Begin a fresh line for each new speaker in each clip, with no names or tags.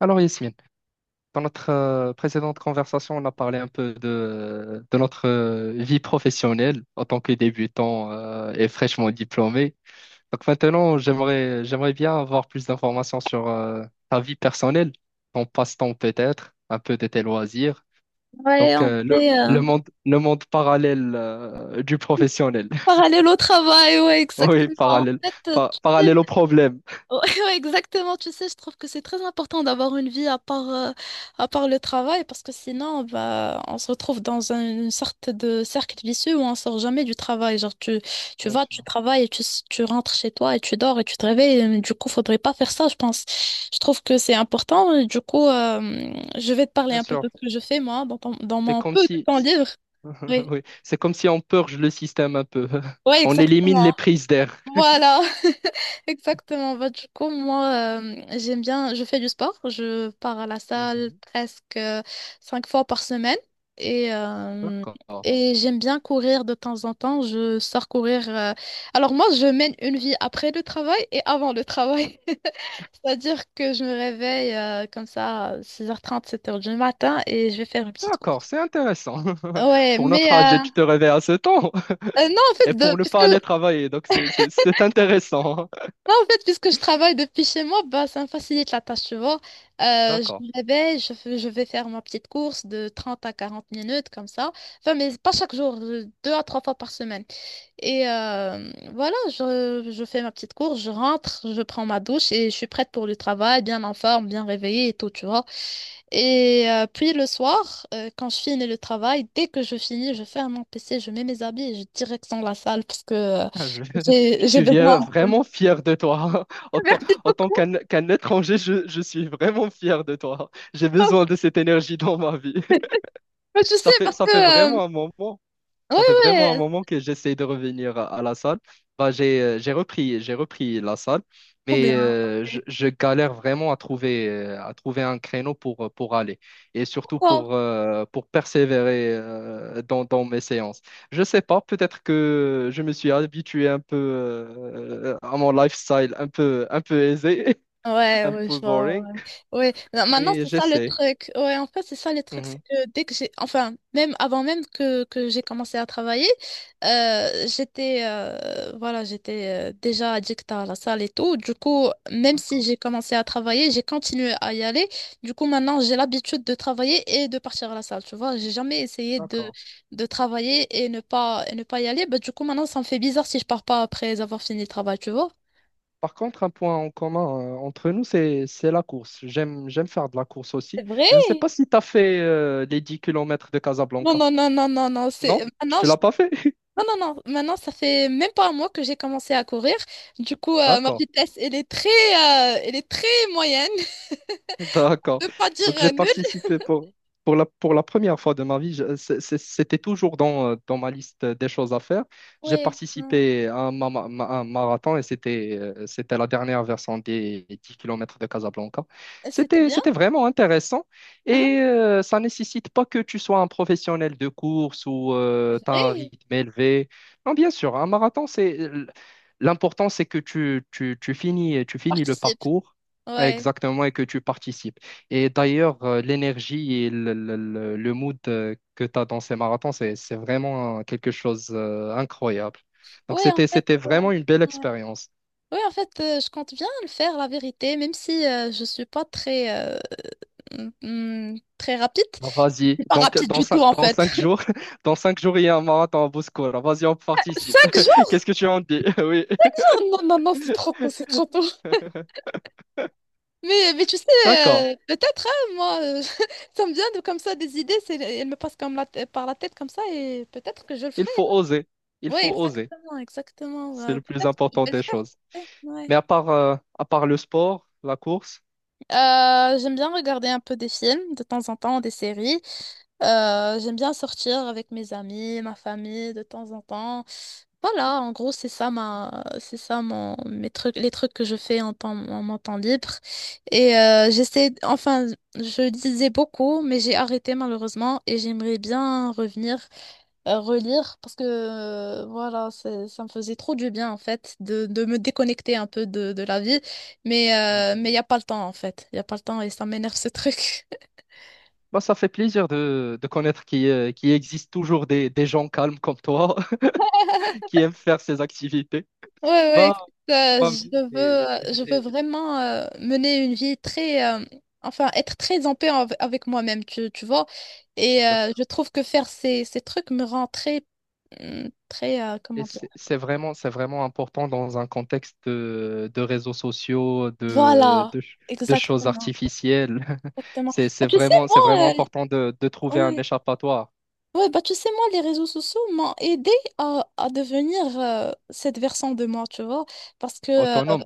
Alors Yasmine, dans notre précédente conversation, on a parlé un peu de notre vie professionnelle en tant que débutant et fraîchement diplômé. Donc maintenant, j'aimerais bien avoir plus d'informations sur ta vie personnelle, ton passe-temps peut-être, un peu de tes loisirs.
Ouais,
Donc
on fait
le monde le monde parallèle du professionnel.
parallèle au travail, ouais,
Oui,
exactement. En
parallèle
fait, tu
parallèle
sais,
au problème.
ouais, ouais, exactement, tu sais, je trouve que c'est très important d'avoir une vie à part le travail, parce que sinon, bah, on se retrouve dans une sorte de cercle vicieux où on sort jamais du travail. Genre, tu
Bien
vas,
sûr.
tu travailles, et tu rentres chez toi et tu dors et tu te réveilles. Et du coup, faudrait pas faire ça, je pense. Je trouve que c'est important. Et du coup, je vais te parler
Bien
un peu
sûr.
de ce que je fais, moi, dans
C'est
mon
comme
peu de
si
temps libre. Oui,
oui, c'est comme si on purge le système un peu.
ouais,
On élimine les
exactement.
prises d'air.
Voilà, exactement. Bah, du coup, moi, j'aime bien, je fais du sport. Je pars à la salle
Mhm.
presque cinq fois par semaine et, euh,
D'accord.
et j'aime bien courir de temps en temps. Je sors courir. Alors moi, je mène une vie après le travail et avant le travail. C'est-à-dire que je me réveille comme ça, six heures trente sept heures du matin et je vais faire une petite
D'accord,
course.
c'est intéressant.
Ouais,
Pour
mais
notre âge,
euh,
tu te réveilles à ce temps
euh, non, en
et
fait, de-
pour ne
puisque
pas aller travailler. Donc, c'est intéressant.
non, en fait, puisque je travaille depuis chez moi, bah, ça me facilite la tâche, tu vois. Je
D'accord.
me réveille, je vais faire ma petite course de 30 à 40 minutes, comme ça. Enfin, mais pas chaque jour, deux à trois fois par semaine. Et voilà, je fais ma petite course, je rentre, je prends ma douche et je suis prête pour le travail, bien en forme, bien réveillée et tout, tu vois. Et puis le soir, quand je finis le travail, dès que je finis, je ferme mon PC, je mets mes habits et je direct dans la salle parce que euh,
Ah, je,
j'ai
je
j'ai
suis
besoin.
vraiment fier de toi. En tant,
Merci
en tant
beaucoup.
qu'un étranger, je suis vraiment fier de toi. J'ai besoin de cette énergie dans ma vie.
Je sais parce
Ça fait
que... euh,
vraiment un moment.
Ouais,
Ça fait vraiment un
ouais,
moment que j'essaie de revenir à la salle. Bah, j'ai repris la salle,
trop
mais
bien. Ok.
je galère vraiment à trouver un créneau pour aller et surtout
Pourquoi?
pour persévérer dans mes séances. Je sais pas, peut-être que je me suis habitué un peu à mon lifestyle un peu aisé,
Ouais,
un
ouais,
peu
je vois.
boring,
Ouais. Ouais. Non, maintenant,
mais
c'est ça le
j'essaie.
truc. Ouais, en fait, c'est ça le truc. C'est
Mhm.
que dès que j'ai, enfin, même avant même que j'ai commencé à travailler, voilà, j'étais déjà addict à la salle et tout. Du coup, même si j'ai commencé à travailler, j'ai continué à y aller. Du coup, maintenant, j'ai l'habitude de travailler et de partir à la salle. Tu vois, j'ai jamais essayé
D'accord.
de travailler et ne pas y aller. Bah, du coup, maintenant, ça me fait bizarre si je pars pas après avoir fini le travail, tu vois.
Par contre, un point en commun entre nous, c'est la course. J'aime faire de la course aussi.
C'est vrai.
Je ne sais pas si tu as fait les 10 kilomètres de
Non,
Casablanca.
non, non, non, non, non.
Non?
C'est... Maintenant,
Tu l'as pas fait?
non, non, non. Maintenant, ça fait même pas un mois que j'ai commencé à courir. Du coup, ma
D'accord.
vitesse, elle est très moyenne.
D'accord.
Je veux pas dire
Donc j'ai
nulle.
participé pour la première fois de ma vie. C'était toujours dans, dans ma liste des choses à faire. J'ai
Ouais, ouais.
participé à un, un marathon et c'était c'était la dernière version des 10 kilomètres de Casablanca.
C'était bien.
C'était vraiment intéressant
Hein.
et ça nécessite pas que tu sois un professionnel de course ou
C'est
tu as un
vrai.
rythme élevé. Non, bien sûr, un marathon, c'est l'important, c'est que tu finis le
Participe.
parcours.
Ouais.
Exactement, et que tu participes. Et d'ailleurs, l'énergie et le mood que tu as dans ces marathons, c'est vraiment quelque chose d'incroyable. Donc,
Ouais, en fait.
c'était vraiment une belle
Ouais.
expérience.
Ouais, en fait, je compte bien le faire, la vérité, même si je suis pas très, euh, mm, très rapide.
Bah, vas-y,
Pas
donc
rapide du tout, en
dans
fait.
cinq jours, dans cinq jours, il y a un marathon à Bouskoura. Vas-y, on participe.
Cinq jours?
Qu'est-ce que tu en dis? Oui.
Non, non, non, c'est trop tôt, c'est trop tôt. Mais tu sais,
D'accord,
peut-être, hein, moi, ça me vient de comme ça des idées, c'est, elles me passent comme par la tête comme ça et peut-être que je le
il
ferai.
faut oser. Il
Oui,
faut oser.
exactement, exactement.
C'est le plus
Peut-être que je
important
vais le
des choses.
faire. Ouais.
Mais à part le sport, la course.
J'aime bien regarder un peu des films de temps en temps, des séries. J'aime bien sortir avec mes amis, ma famille de temps en temps. Voilà, en gros, c'est ça mon, mes trucs, les trucs que je fais en temps, en mon temps libre. Et j'essaie, enfin, je lisais beaucoup, mais j'ai arrêté malheureusement et j'aimerais bien revenir relire parce que voilà, ça me faisait trop du bien en fait de me déconnecter un peu de la vie. Mais il n'y a pas le temps en fait. Il n'y a pas le temps et ça m'énerve ce truc.
Bah, ça fait plaisir de connaître qu'il qu'il existe toujours des gens calmes comme toi qui aiment faire ces activités.
Ouais, ouais, écoute,
Bah,
euh, je je veux
j'étais
vraiment mener une vie très, enfin, être très en paix avec moi-même, tu vois. Et je
exactement.
trouve que faire ces trucs me rend très,
Et
comment dire.
c'est vraiment important dans un contexte de réseaux sociaux,
Voilà,
de choses
exactement,
artificielles.
exactement. Ah, tu sais,
C'est vraiment
moi,
important de trouver un
ouais.
échappatoire
Ouais, bah tu sais, moi, les réseaux sociaux m'ont aidé à devenir cette version de moi, tu vois. Parce que, euh,
autonome.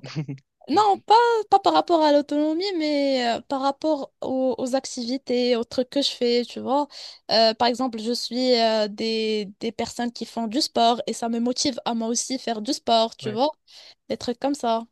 non, pas par rapport à l'autonomie, mais par rapport aux activités, aux trucs que je fais, tu vois. Par exemple, je suis des personnes qui font du sport et ça me motive à moi aussi faire du sport, tu
Ouais.
vois. Des trucs comme ça.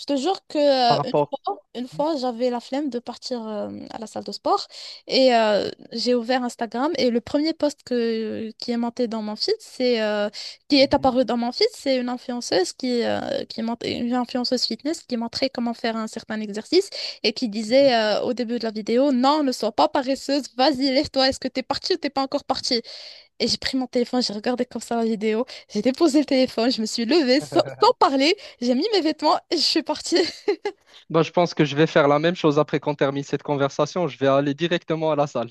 Je te jure que
Par rapport.
une
Mhm,
fois, j'avais la flemme de partir à la salle de sport et j'ai ouvert Instagram et le premier post qui est monté dans mon feed, c'est qui est
mhm,
apparu dans mon feed, c'est une influenceuse une influenceuse fitness qui montrait comment faire un certain exercice et qui disait au début de la vidéo, non, ne sois pas paresseuse, vas-y, lève-toi, est-ce que t'es partie ou t'es pas encore partie? Et j'ai pris mon téléphone, j'ai regardé comme ça la vidéo, j'ai déposé le téléphone, je me suis levée sans,
mhm.
sans parler, j'ai mis mes vêtements et je suis partie.
Bah, je pense que je vais faire la même chose après qu'on termine cette conversation. Je vais aller directement à la salle.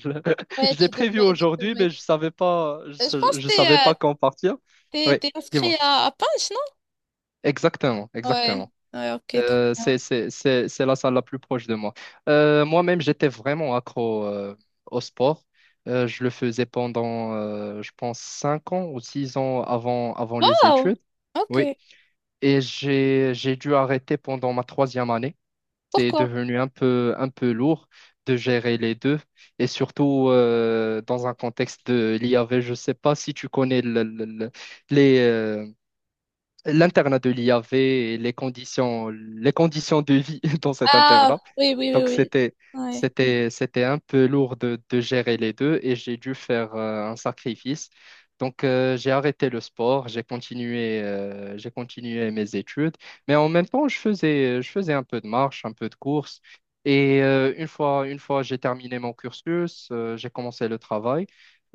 Ouais,
Je l'ai
tu
prévu
devrais, tu
aujourd'hui,
devrais.
mais je savais pas,
Je pense que
je savais pas quand partir. Oui,
t'es
dis-moi.
inscrit à Punch,
Exactement,
non? Ouais,
exactement.
ouais, ok, trop.
C'est la salle la plus proche de moi. Moi-même, j'étais vraiment accro au sport. Je le faisais pendant, je pense, 5 ans ou 6 ans avant, avant les
Oh,
études. Oui,
ok.
et j'ai dû arrêter pendant ma troisième année. C'est
Pourquoi?
devenu un peu lourd de gérer les deux, et surtout dans un contexte de l'IAV. Je ne sais pas si tu connais les, l'internat de l'IAV et les conditions de vie dans cet
Ah,
internat.
oui, oui, oui,
Donc,
oui. Ouais.
c'était un peu lourd de gérer les deux et j'ai dû faire un sacrifice. Donc, j'ai arrêté le sport, j'ai continué mes études, mais en même temps, je faisais un peu de marche, un peu de course. Et une fois j'ai terminé mon cursus, j'ai commencé le travail,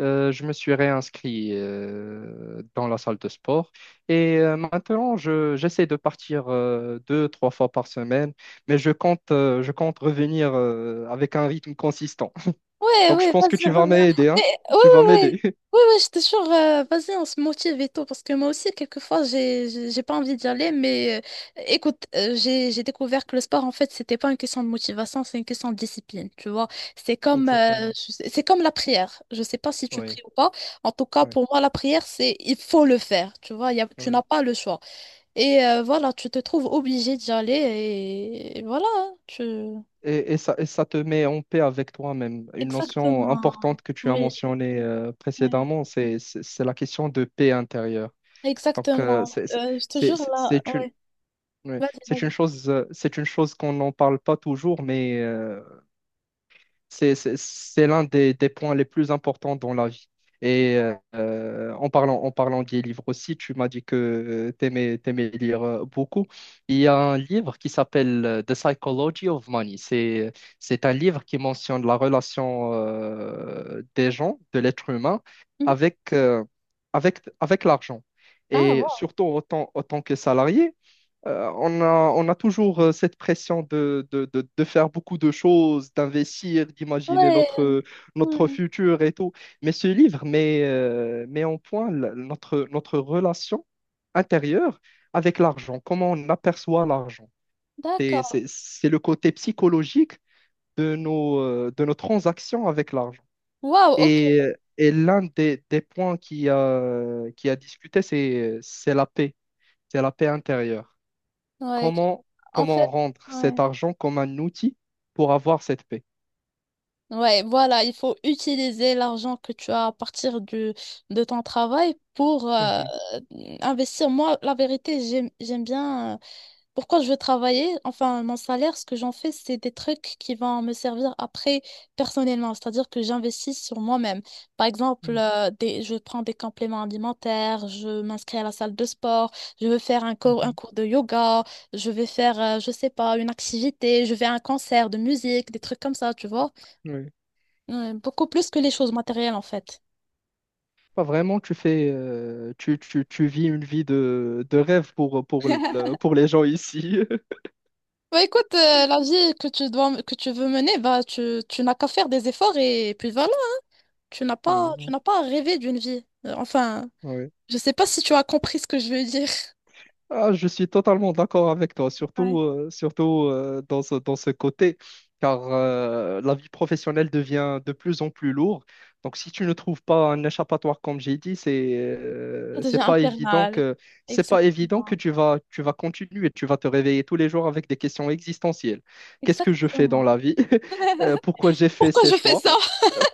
je me suis réinscrit dans la salle de sport. Et maintenant, j'essaie de partir deux, trois fois par semaine, mais je compte revenir avec un rythme consistant.
Ouais,
Donc, je
ouais,
pense que
vas-y,
tu vas
reviens.
m'aider,
Mais,
hein?
ouais,
Tu vas
ouais, ouais.
m'aider.
Ouais, ouais, je te jure, vas-y, on se motive et tout, parce que moi aussi, quelquefois, j'ai pas envie d'y aller, mais écoute, j'ai découvert que le sport, en fait, c'était pas une question de motivation, c'est une question de discipline, tu vois. C'est comme,
Exactement.
c'est comme la prière. Je sais pas si tu
Oui,
pries ou pas. En tout cas,
oui,
pour moi, la prière, c'est, il faut le faire, tu vois, tu n'as
oui.
pas le choix. Et voilà, tu te trouves obligé d'y aller, et voilà, hein, tu...
Et ça te met en paix avec toi-même. Une notion
Exactement.
importante que tu as
Oui.
mentionnée précédemment, c'est la question de paix intérieure. Donc,
Exactement. Je te jure là.
c'est une,
Ouais.
oui,
Vas-y, vas-y.
c'est une chose qu'on n'en parle pas toujours, mais c'est l'un des points les plus importants dans la vie. Et en parlant des livres aussi, tu m'as dit que tu aimais, lire beaucoup. Il y a un livre qui s'appelle The Psychology of Money. C'est un livre qui mentionne la relation des gens, de l'être humain,
Mhm.
avec, euh, avec l'argent.
Ah,
Et
wow.
surtout autant que salarié. Euh, on a, on a toujours cette pression de faire beaucoup de choses, d'investir, d'imaginer
Ouais.
notre, notre
Ouais.
futur et tout. Mais ce livre met, met en point notre, notre relation intérieure avec l'argent, comment on aperçoit l'argent.
D'accord.
C'est le côté psychologique de nos transactions avec l'argent.
Wow, ok.
Et, et l'un des points qui a discuté, c'est la paix intérieure
Ouais.
comment,
En fait,
comment rendre cet
ouais.
argent comme un outil pour avoir cette paix.
Ouais, voilà, il faut utiliser l'argent que tu as à partir de ton travail pour
Mhm,
investir. Moi, la vérité, j'aime bien. Pourquoi je veux travailler? Enfin, mon salaire, ce que j'en fais, c'est des trucs qui vont me servir après personnellement, c'est-à-dire que j'investis sur moi-même. Par exemple,
mhm,
je prends des compléments alimentaires, je m'inscris à la salle de sport, je veux faire un
mhm,
cours de yoga, je vais faire, je sais pas, une activité, je vais à un concert de musique, des trucs comme ça, tu vois.
oui.
Ouais, beaucoup plus que les choses matérielles, en fait.
Pas vraiment, tu fais, tu vis une vie de rêve pour, pour les gens ici.
Bah écoute, la vie que tu veux mener, bah tu n'as qu'à faire des efforts et puis voilà. Tu
Mhm,
n'as pas rêvé d'une vie. Enfin,
oui.
je sais pas si tu as compris ce que je veux dire.
Ah, je suis totalement d'accord avec toi,
Ouais.
surtout dans ce côté, car la vie professionnelle devient de plus en plus lourde. Donc, si tu ne trouves pas un échappatoire, comme j'ai dit,
Ça
c'est
devient
pas évident
infernal.
que c'est pas évident que
Exactement.
tu vas continuer, tu vas te réveiller tous les jours avec des questions existentielles. Qu'est-ce que je fais dans
Exactement.
la vie? Pourquoi j'ai fait
Pourquoi
ces
je fais
choix?
ça?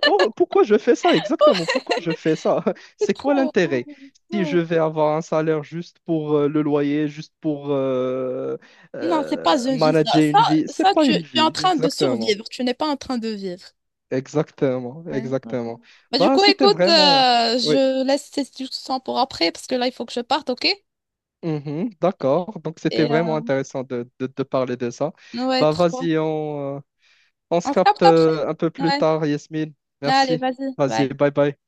Pourquoi je fais ça exactement? Pourquoi je fais ça?
C'est
C'est quoi
trop.
l'intérêt? Si
Ouais.
je vais avoir un salaire juste pour le loyer, juste pour
Non, c'est pas une vie, ça.
manager
Ça,
une vie, c'est pas une
tu es en
vie,
train de
exactement.
survivre. Tu n'es pas en train de vivre.
Exactement,
Ouais. Ouais.
exactement.
Bah, du
Bah,
coup,
c'était
écoute,
vraiment. Oui.
je laisse ces discussions pour après parce que là, il faut que je parte, ok?
Mhm, d'accord. Donc, c'était
Et
vraiment intéressant de, de parler de ça.
ouais,
Bah,
trop.
vas-y, on se
On se
capte
capte après.
un peu plus
Ouais.
tard, Yasmine.
Allez,
Merci.
vas-y. Bye.
Vas-y, bye bye.